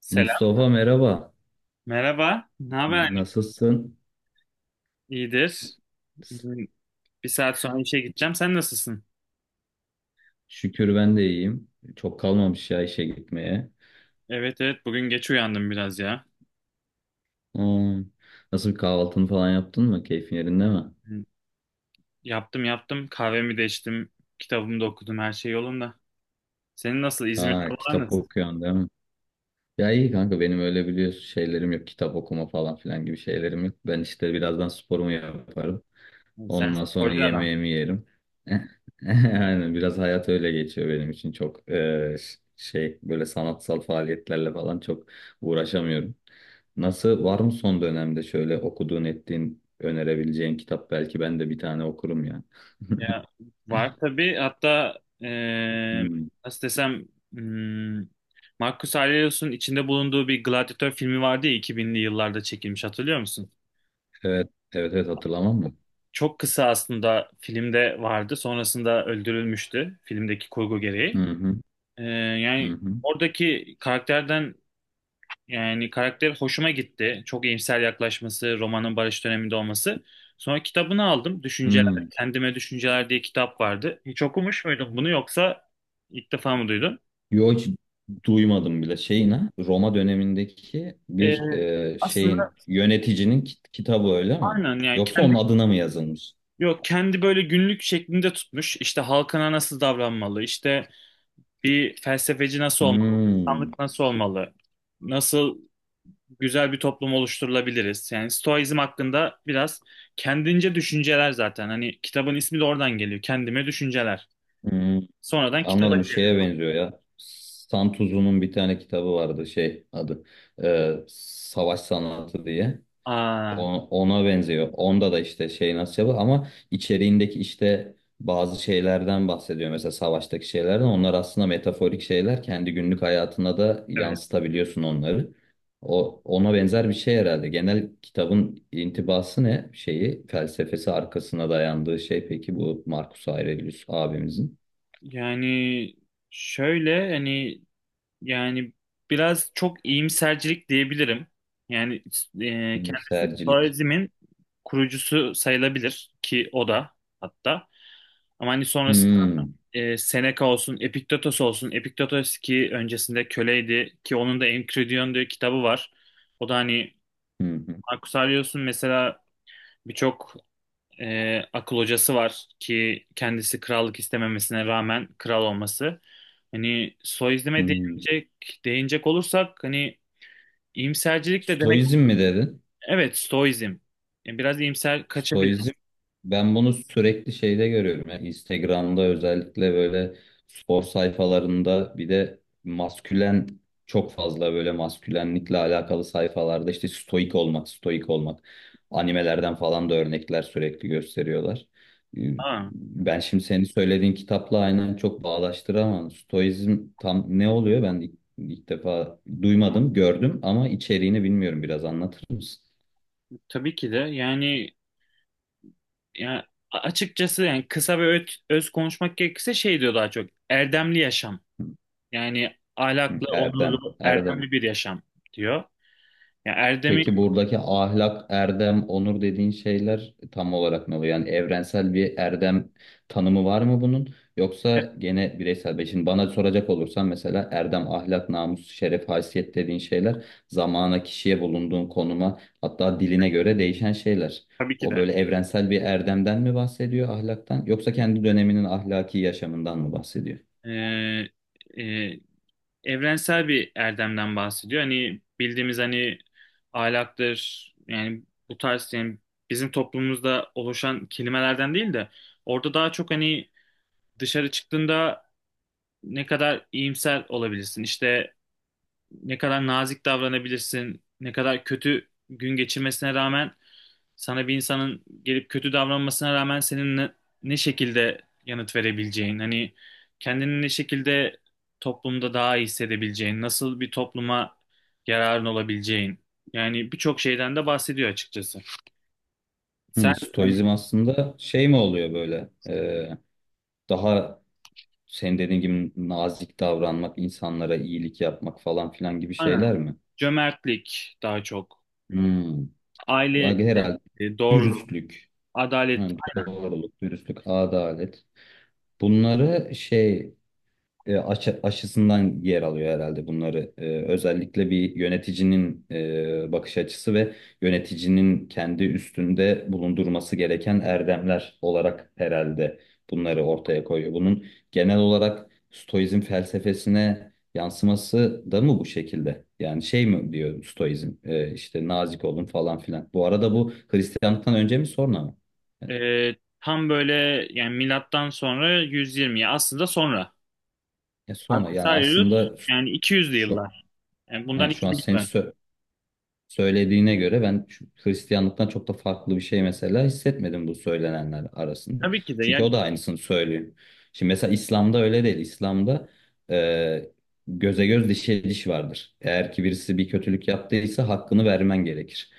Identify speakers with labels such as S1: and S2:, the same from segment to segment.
S1: Selam.
S2: Mustafa merhaba.
S1: Merhaba. Ne haber, annem?
S2: Nasılsın?
S1: İyidir. Bugün bir saat sonra işe gideceğim. Sen nasılsın?
S2: Şükür ben de iyiyim. Çok kalmamış ya işe gitmeye.
S1: Evet, evet, bugün geç uyandım biraz ya.
S2: Hmm. Nasıl bir kahvaltını falan yaptın mı? Keyfin yerinde mi?
S1: Hı. Yaptım, yaptım. Kahvemi de içtim. Kitabımı da okudum. Her şey yolunda. Senin nasıl? İzmir'de
S2: Ha,
S1: havalar
S2: kitap
S1: nasıl?
S2: okuyorsun değil mi? Ya iyi kanka, benim öyle biliyorsun şeylerim yok. Kitap okuma falan filan gibi şeylerim yok. Ben işte birazdan sporumu yaparım.
S1: Hı. Sen
S2: Ondan sonra
S1: sporcu adam.
S2: yemeğimi yerim. Aynen, biraz hayat öyle geçiyor benim için. Çok şey, böyle sanatsal faaliyetlerle falan çok uğraşamıyorum. Nasıl, var mı son dönemde şöyle okuduğun ettiğin önerebileceğin kitap? Belki ben de bir tane okurum ya.
S1: Ya, var tabii. Hatta
S2: Hmm.
S1: nasıl desem, hmm, Marcus Aurelius'un içinde bulunduğu bir gladyatör filmi vardı ya, 2000'li yıllarda çekilmiş. Hatırlıyor musun?
S2: Evet evet evet, hatırlamam mı?
S1: Çok kısa aslında filmde vardı. Sonrasında öldürülmüştü, filmdeki kurgu
S2: Hı
S1: gereği.
S2: hı
S1: Ee,
S2: hı
S1: yani
S2: hı.
S1: oradaki karakterden, yani karakter hoşuma gitti. Çok iyimser yaklaşması, romanın barış döneminde olması. Sonra kitabını aldım. Düşünceler,
S2: Hmm.
S1: Kendime Düşünceler diye kitap vardı. Hiç okumuş muydun bunu, yoksa ilk defa mı duydun?
S2: Yo, hiç duymadım bile. Şeyin ha, Roma dönemindeki
S1: Ee,
S2: bir
S1: aslında
S2: şeyin, yöneticinin kitabı öyle mi?
S1: aynen, yani
S2: Yoksa
S1: kendi,
S2: onun adına mı yazılmış?
S1: yok, kendi böyle günlük şeklinde tutmuş. İşte halkına nasıl davranmalı, işte bir felsefeci nasıl olmalı?
S2: Hmm,
S1: İnsanlık nasıl olmalı? Nasıl güzel bir toplum oluşturulabiliriz? Yani Stoizm hakkında biraz kendince düşünceler zaten. Hani kitabın ismi de oradan geliyor. Kendime düşünceler.
S2: hmm.
S1: Sonradan kitaba
S2: Anladım. Bu
S1: çevrim.
S2: şeye benziyor ya. Santuzu'nun bir tane kitabı vardı, şey adı, Savaş Sanatı diye.
S1: Aa,
S2: Ona benziyor. Onda da işte şey nasıl yapıyor, ama içeriğindeki işte bazı şeylerden bahsediyor. Mesela savaştaki şeylerden. Onlar aslında metaforik şeyler. Kendi günlük hayatına da
S1: evet.
S2: yansıtabiliyorsun onları. Ona benzer bir şey herhalde. Genel kitabın intibası ne? Şeyi, felsefesi, arkasına dayandığı şey peki bu Marcus Aurelius abimizin.
S1: Yani şöyle hani, yani biraz çok iyimsercilik diyebilirim. Yani kendisi
S2: İyimsercilik.
S1: Stoizm'in kurucusu sayılabilir ki o da, hatta. Ama hani sonrasında
S2: Hmm.
S1: Seneca olsun, Epiktetos olsun. Epiktetos ki öncesinde köleydi, ki onun da Enchiridion diye kitabı var. O da hani
S2: Hı hı.
S1: Marcus Aurelius'un mesela birçok akıl hocası var ki kendisi krallık istememesine rağmen kral olması. Hani Stoizm'e
S2: Hı.
S1: değinecek olursak hani iyimsercilik de demek,
S2: Stoizm mi dedin?
S1: evet, Stoizm. Yani biraz iyimser
S2: Stoizm,
S1: kaçabiliriz.
S2: ben bunu sürekli şeyde görüyorum. Yani Instagram'da, özellikle böyle spor sayfalarında, bir de maskülen, çok fazla böyle maskülenlikle alakalı sayfalarda, işte stoik olmak, stoik olmak. Animelerden falan da örnekler sürekli gösteriyorlar. Ee,
S1: Ha,
S2: Ben şimdi senin söylediğin kitapla aynen çok bağdaştıramam. Stoizm tam ne oluyor? Ben ilk defa duymadım, gördüm ama içeriğini bilmiyorum. Biraz anlatır mısın?
S1: tabii ki de yani. Yani açıkçası, yani kısa ve öz konuşmak gerekirse şey diyor daha çok. Erdemli yaşam. Yani
S2: Hı.
S1: ahlaklı,
S2: Erdem,
S1: onurlu,
S2: erdem.
S1: erdemli bir yaşam diyor. Yani erdemi,
S2: Peki buradaki ahlak, erdem, onur dediğin şeyler tam olarak ne oluyor? Yani evrensel bir erdem tanımı var mı bunun? Yoksa gene bireysel bir. Şimdi bana soracak olursan mesela erdem, ahlak, namus, şeref, haysiyet dediğin şeyler zamana, kişiye, bulunduğun konuma, hatta diline göre değişen şeyler.
S1: tabii ki
S2: O
S1: de,
S2: böyle evrensel bir erdemden mi bahsediyor, ahlaktan, yoksa kendi döneminin ahlaki yaşamından mı bahsediyor?
S1: e, e, evrensel bir erdemden bahsediyor. Hani bildiğimiz, hani ahlaktır yani, bu tarz, yani bizim toplumumuzda oluşan kelimelerden değil de, orada daha çok hani dışarı çıktığında ne kadar iyimser olabilirsin. İşte ne kadar nazik davranabilirsin, ne kadar kötü gün geçirmesine rağmen, sana bir insanın gelip kötü davranmasına rağmen senin ne şekilde yanıt verebileceğin, hani kendini ne şekilde toplumda daha iyi hissedebileceğin, nasıl bir topluma yararın olabileceğin. Yani birçok şeyden de bahsediyor açıkçası. Sen, hani
S2: Stoizm aslında şey mi oluyor böyle? Daha senin dediğin gibi nazik davranmak, insanlara iyilik yapmak falan filan gibi
S1: aynen,
S2: şeyler mi?
S1: cömertlik daha çok,
S2: Hmm.
S1: aile
S2: Bak, herhalde
S1: sevgisi, doğruluk,
S2: dürüstlük, ha,
S1: adalet.
S2: doğruluk, dürüstlük, adalet. Bunları şey, aşısından yer alıyor herhalde bunları. Özellikle bir yöneticinin bakış açısı ve yöneticinin kendi üstünde bulundurması gereken erdemler olarak herhalde bunları ortaya koyuyor. Bunun genel olarak Stoizm felsefesine yansıması da mı bu şekilde? Yani şey mi diyor Stoizm? E, işte nazik olun falan filan. Bu arada bu Hristiyanlıktan önce mi, sonra mı?
S1: Tam böyle yani, milattan sonra 120, ya aslında sonra.
S2: Sonra
S1: Aslında
S2: yani,
S1: sayıyoruz
S2: aslında
S1: yani 200'lü
S2: şu,
S1: yıllar. Yani
S2: ha,
S1: bundan
S2: şu an
S1: 2000 yıl
S2: sen
S1: önce.
S2: söylediğine göre ben Hristiyanlıktan çok da farklı bir şey mesela hissetmedim bu söylenenler arasında.
S1: Tabii ki de
S2: Çünkü
S1: yani.
S2: o da aynısını söylüyor. Şimdi mesela İslam'da öyle değil. İslam'da e, göze göz, dişe diş vardır. Eğer ki birisi bir kötülük yaptıysa hakkını vermen gerekir.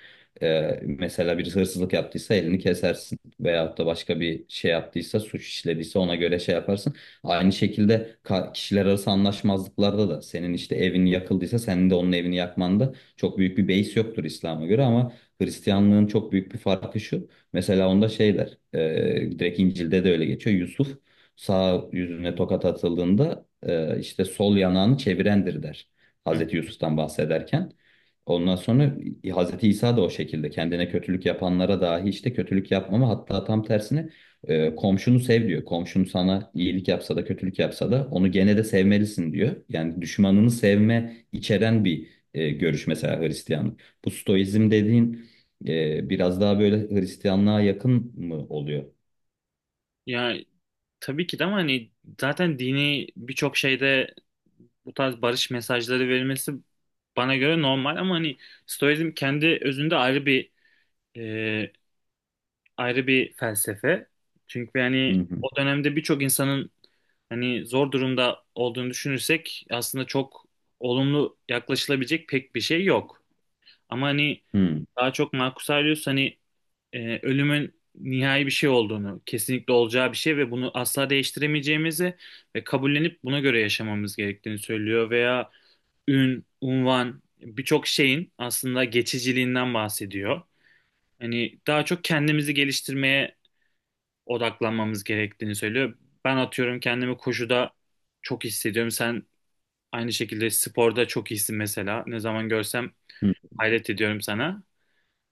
S2: Mesela birisi hırsızlık yaptıysa elini kesersin. Veyahut da başka bir şey yaptıysa, suç işlediyse ona göre şey yaparsın. Aynı şekilde kişiler arası anlaşmazlıklarda da, senin işte evin yakıldıysa senin de onun evini yakmanda çok büyük bir base yoktur İslam'a göre. Ama Hristiyanlığın çok büyük bir farkı şu. Mesela onda şeyler, direkt İncil'de de öyle geçiyor. Yusuf sağ yüzüne tokat atıldığında işte sol yanağını çevirendir, der.
S1: Hı.
S2: Hazreti Yusuf'tan bahsederken. Ondan sonra Hazreti İsa da o şekilde kendine kötülük yapanlara dahi işte kötülük yapmama, hatta tam tersine komşunu sev diyor. Komşun sana iyilik yapsa da kötülük yapsa da onu gene de sevmelisin diyor. Yani düşmanını sevme içeren bir görüş mesela Hristiyanlık. Bu Stoizm dediğin biraz daha böyle Hristiyanlığa yakın mı oluyor?
S1: Ya, tabii ki de, ama hani zaten dini birçok şeyde bu tarz barış mesajları verilmesi bana göre normal, ama hani Stoizm kendi özünde bir ayrı bir felsefe. Çünkü
S2: Hı
S1: yani
S2: hı.
S1: o dönemde birçok insanın hani zor durumda olduğunu düşünürsek, aslında çok olumlu yaklaşılabilecek pek bir şey yok. Ama hani
S2: Hı hı.
S1: daha çok Marcus Aurelius hani ölümün nihai bir şey olduğunu, kesinlikle olacağı bir şey ve bunu asla değiştiremeyeceğimizi ve kabullenip buna göre yaşamamız gerektiğini söylüyor, veya unvan, birçok şeyin aslında geçiciliğinden bahsediyor. Hani daha çok kendimizi geliştirmeye odaklanmamız gerektiğini söylüyor. Ben atıyorum, kendimi koşuda çok hissediyorum. Sen aynı şekilde sporda çok iyisin mesela. Ne zaman görsem hayret ediyorum sana.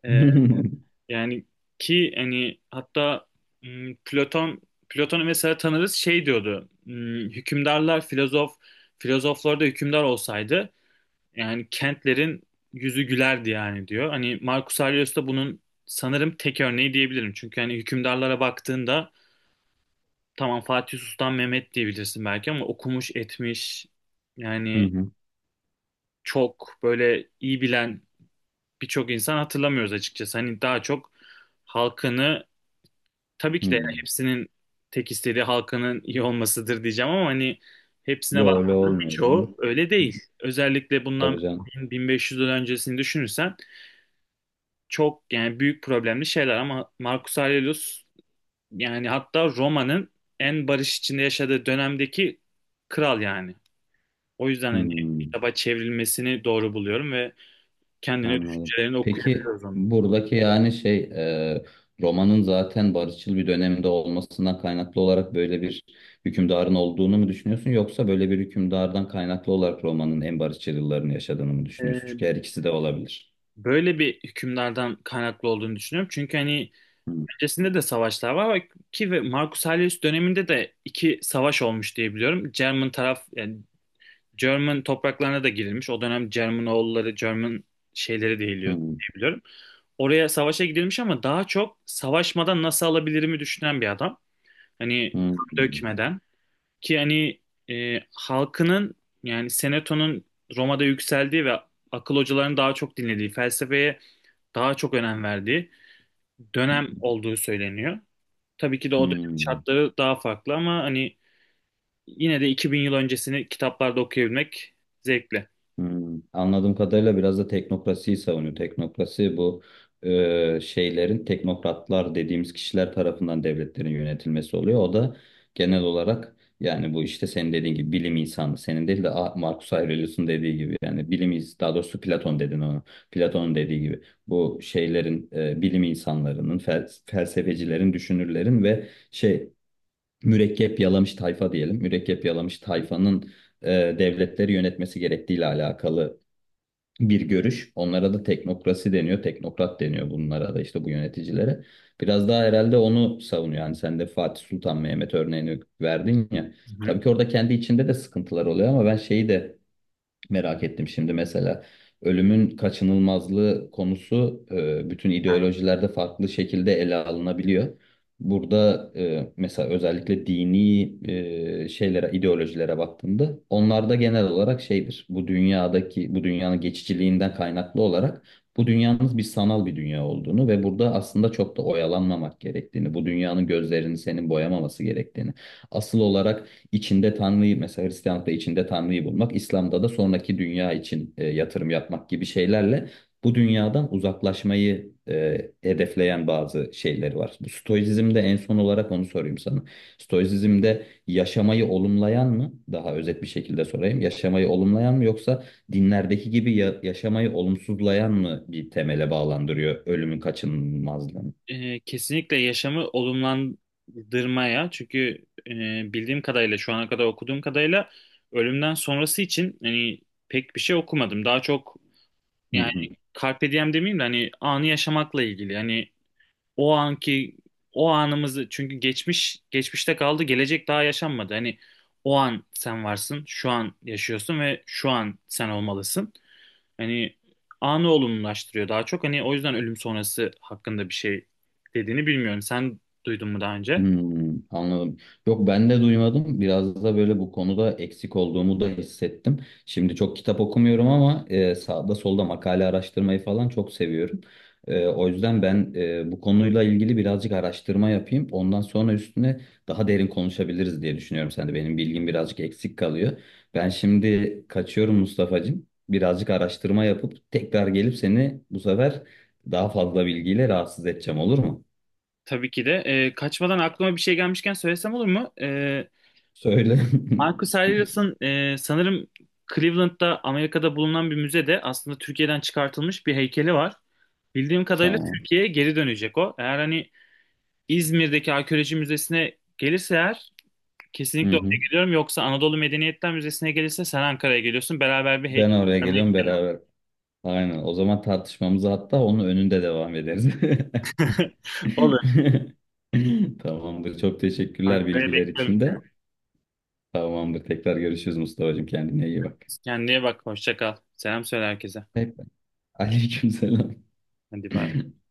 S1: Ee, yani, ki hani hatta m, Platon Platon'u mesela tanırız, şey diyordu. Hükümdarlar filozof, filozoflar da hükümdar olsaydı, yani kentlerin yüzü gülerdi yani diyor. Hani Marcus Aurelius da bunun sanırım tek örneği diyebilirim. Çünkü hani hükümdarlara baktığında, tamam Fatih Sultan Mehmet diyebilirsin belki, ama okumuş etmiş
S2: Hı
S1: yani
S2: hı.
S1: çok böyle iyi bilen birçok insan hatırlamıyoruz açıkçası. Hani daha çok halkını, tabii
S2: Hı.
S1: ki de yani hepsinin tek istediği halkının iyi olmasıdır diyeceğim ama hani hepsine bak
S2: Yo, öyle olmuyor
S1: birçoğu
S2: canım.
S1: öyle değil. Özellikle bundan
S2: Tabii canım.
S1: 1500 yıl öncesini düşünürsen çok yani büyük problemli şeyler, ama Marcus Aurelius, yani hatta Roma'nın en barış içinde yaşadığı dönemdeki kral yani. O yüzden hani
S2: Hmm,
S1: kitaba çevrilmesini doğru buluyorum ve kendine
S2: anladım.
S1: düşüncelerini
S2: Peki
S1: okuyabiliyoruz onu.
S2: buradaki yani şey, e, romanın zaten barışçıl bir dönemde olmasından kaynaklı olarak böyle bir hükümdarın olduğunu mu düşünüyorsun, yoksa böyle bir hükümdardan kaynaklı olarak romanın en barışçıl yıllarını yaşadığını mı düşünüyorsun? Çünkü
S1: Ee,
S2: her ikisi de olabilir.
S1: böyle bir hükümdardan kaynaklı olduğunu düşünüyorum. Çünkü hani öncesinde de savaşlar var ki ve Marcus Aurelius döneminde de iki savaş olmuş diye biliyorum. German taraf, yani German topraklarına da girilmiş. O dönem German oğulları, German şeyleri değiliyor
S2: Hmm,
S1: diye biliyorum. Oraya savaşa gidilmiş, ama daha çok savaşmadan nasıl alabilirimi düşünen bir adam. Hani kan
S2: hmm,
S1: dökmeden. Ki hani halkının, yani Seneto'nun Roma'da yükseldiği ve akıl hocalarının daha çok dinlediği, felsefeye daha çok önem verdiği dönem
S2: hmm,
S1: olduğu söyleniyor. Tabii ki de o dönem
S2: hmm.
S1: şartları daha farklı, ama hani yine de 2000 yıl öncesini kitaplarda okuyabilmek zevkli.
S2: Hmm. Anladığım kadarıyla biraz da teknokrasiyi savunuyor. Teknokrasi, bu şeylerin, teknokratlar dediğimiz kişiler tarafından devletlerin yönetilmesi oluyor. O da genel olarak yani bu, işte senin dediğin gibi bilim insanı, senin değil de Marcus Aurelius'un dediği gibi, yani bilim daha doğrusu Platon, dedin onu. Platon'un dediği gibi bu şeylerin, bilim insanlarının, felsefecilerin, düşünürlerin ve şey, mürekkep yalamış tayfa diyelim, mürekkep yalamış
S1: Hı
S2: tayfanın devletleri yönetmesi gerektiğiyle alakalı bir görüş. Onlara da teknokrasi deniyor, teknokrat deniyor bunlara da, işte bu yöneticilere. Biraz daha herhalde onu savunuyor. Yani sen de Fatih Sultan Mehmet örneğini verdin ya.
S1: hı.
S2: Tabii ki orada kendi içinde de sıkıntılar oluyor, ama ben şeyi de merak ettim şimdi mesela. Ölümün kaçınılmazlığı konusu bütün ideolojilerde farklı şekilde ele alınabiliyor. Burada mesela özellikle dini şeylere, ideolojilere baktığında onlarda genel olarak şeydir. Bu dünyadaki, bu dünyanın geçiciliğinden kaynaklı olarak bu dünyanın bir sanal bir dünya olduğunu ve burada aslında çok da oyalanmamak gerektiğini, bu dünyanın gözlerini senin boyamaması gerektiğini, asıl olarak içinde Tanrı'yı, mesela Hristiyanlıkta içinde Tanrı'yı bulmak, İslam'da da sonraki dünya için yatırım yapmak gibi şeylerle bu dünyadan uzaklaşmayı hedefleyen bazı şeyleri var. Bu Stoizm'de en son olarak onu sorayım sana. Stoizm'de yaşamayı olumlayan mı? Daha özet bir şekilde sorayım. Yaşamayı olumlayan mı, yoksa dinlerdeki gibi yaşamayı olumsuzlayan mı bir temele bağlandırıyor ölümün kaçınılmazlığını?
S1: Kesinlikle yaşamı olumlandırmaya, çünkü bildiğim kadarıyla, şu ana kadar okuduğum kadarıyla, ölümden sonrası için hani pek bir şey okumadım. Daha çok,
S2: Hı
S1: yani
S2: hı.
S1: carpe diem demeyeyim de hani anı yaşamakla ilgili. Hani o anki o anımızı, çünkü geçmiş geçmişte kaldı, gelecek daha yaşanmadı. Hani o an sen varsın, şu an yaşıyorsun ve şu an sen olmalısın. Hani anı olumlulaştırıyor daha çok. Hani o yüzden ölüm sonrası hakkında bir şey dediğini bilmiyorum. Sen duydun mu daha önce?
S2: Anladım. Yok, ben de duymadım. Biraz da böyle bu konuda eksik olduğumu da hissettim. Şimdi çok kitap okumuyorum ama sağda solda makale araştırmayı falan çok seviyorum. O yüzden ben bu konuyla ilgili birazcık araştırma yapayım. Ondan sonra üstüne daha derin konuşabiliriz diye düşünüyorum. Sen de, benim bilgim birazcık eksik kalıyor. Ben şimdi kaçıyorum Mustafa'cığım. Birazcık araştırma yapıp tekrar gelip seni bu sefer daha fazla bilgiyle rahatsız edeceğim, olur mu?
S1: Tabii ki de. Kaçmadan aklıma bir şey gelmişken söylesem olur mu?
S2: Söyle.
S1: Marcus Aurelius'ın sanırım Cleveland'da, Amerika'da bulunan bir müzede aslında Türkiye'den çıkartılmış bir heykeli var. Bildiğim kadarıyla
S2: Tamam.
S1: Türkiye'ye geri dönecek o. Eğer hani İzmir'deki arkeoloji müzesine gelirse eğer
S2: Hı
S1: kesinlikle oraya
S2: hı.
S1: geliyorum. Yoksa Anadolu Medeniyetler Müzesi'ne gelirse sen Ankara'ya geliyorsun. Beraber bir
S2: Ben
S1: heykel
S2: oraya
S1: görmeye
S2: geliyorum
S1: gidelim.
S2: beraber. Aynen. O zaman tartışmamızı hatta onun önünde devam ederiz.
S1: Olur.
S2: Tamamdır. Çok teşekkürler
S1: Ankara'ya
S2: bilgiler
S1: bekliyorum
S2: için
S1: seni.
S2: de. Tamamdır. Tekrar görüşürüz Mustafa'cığım. Kendine iyi bak.
S1: Kendine bak. Hoşça kal. Selam söyle herkese.
S2: Hep. Aleykümselam.
S1: Hadi bay.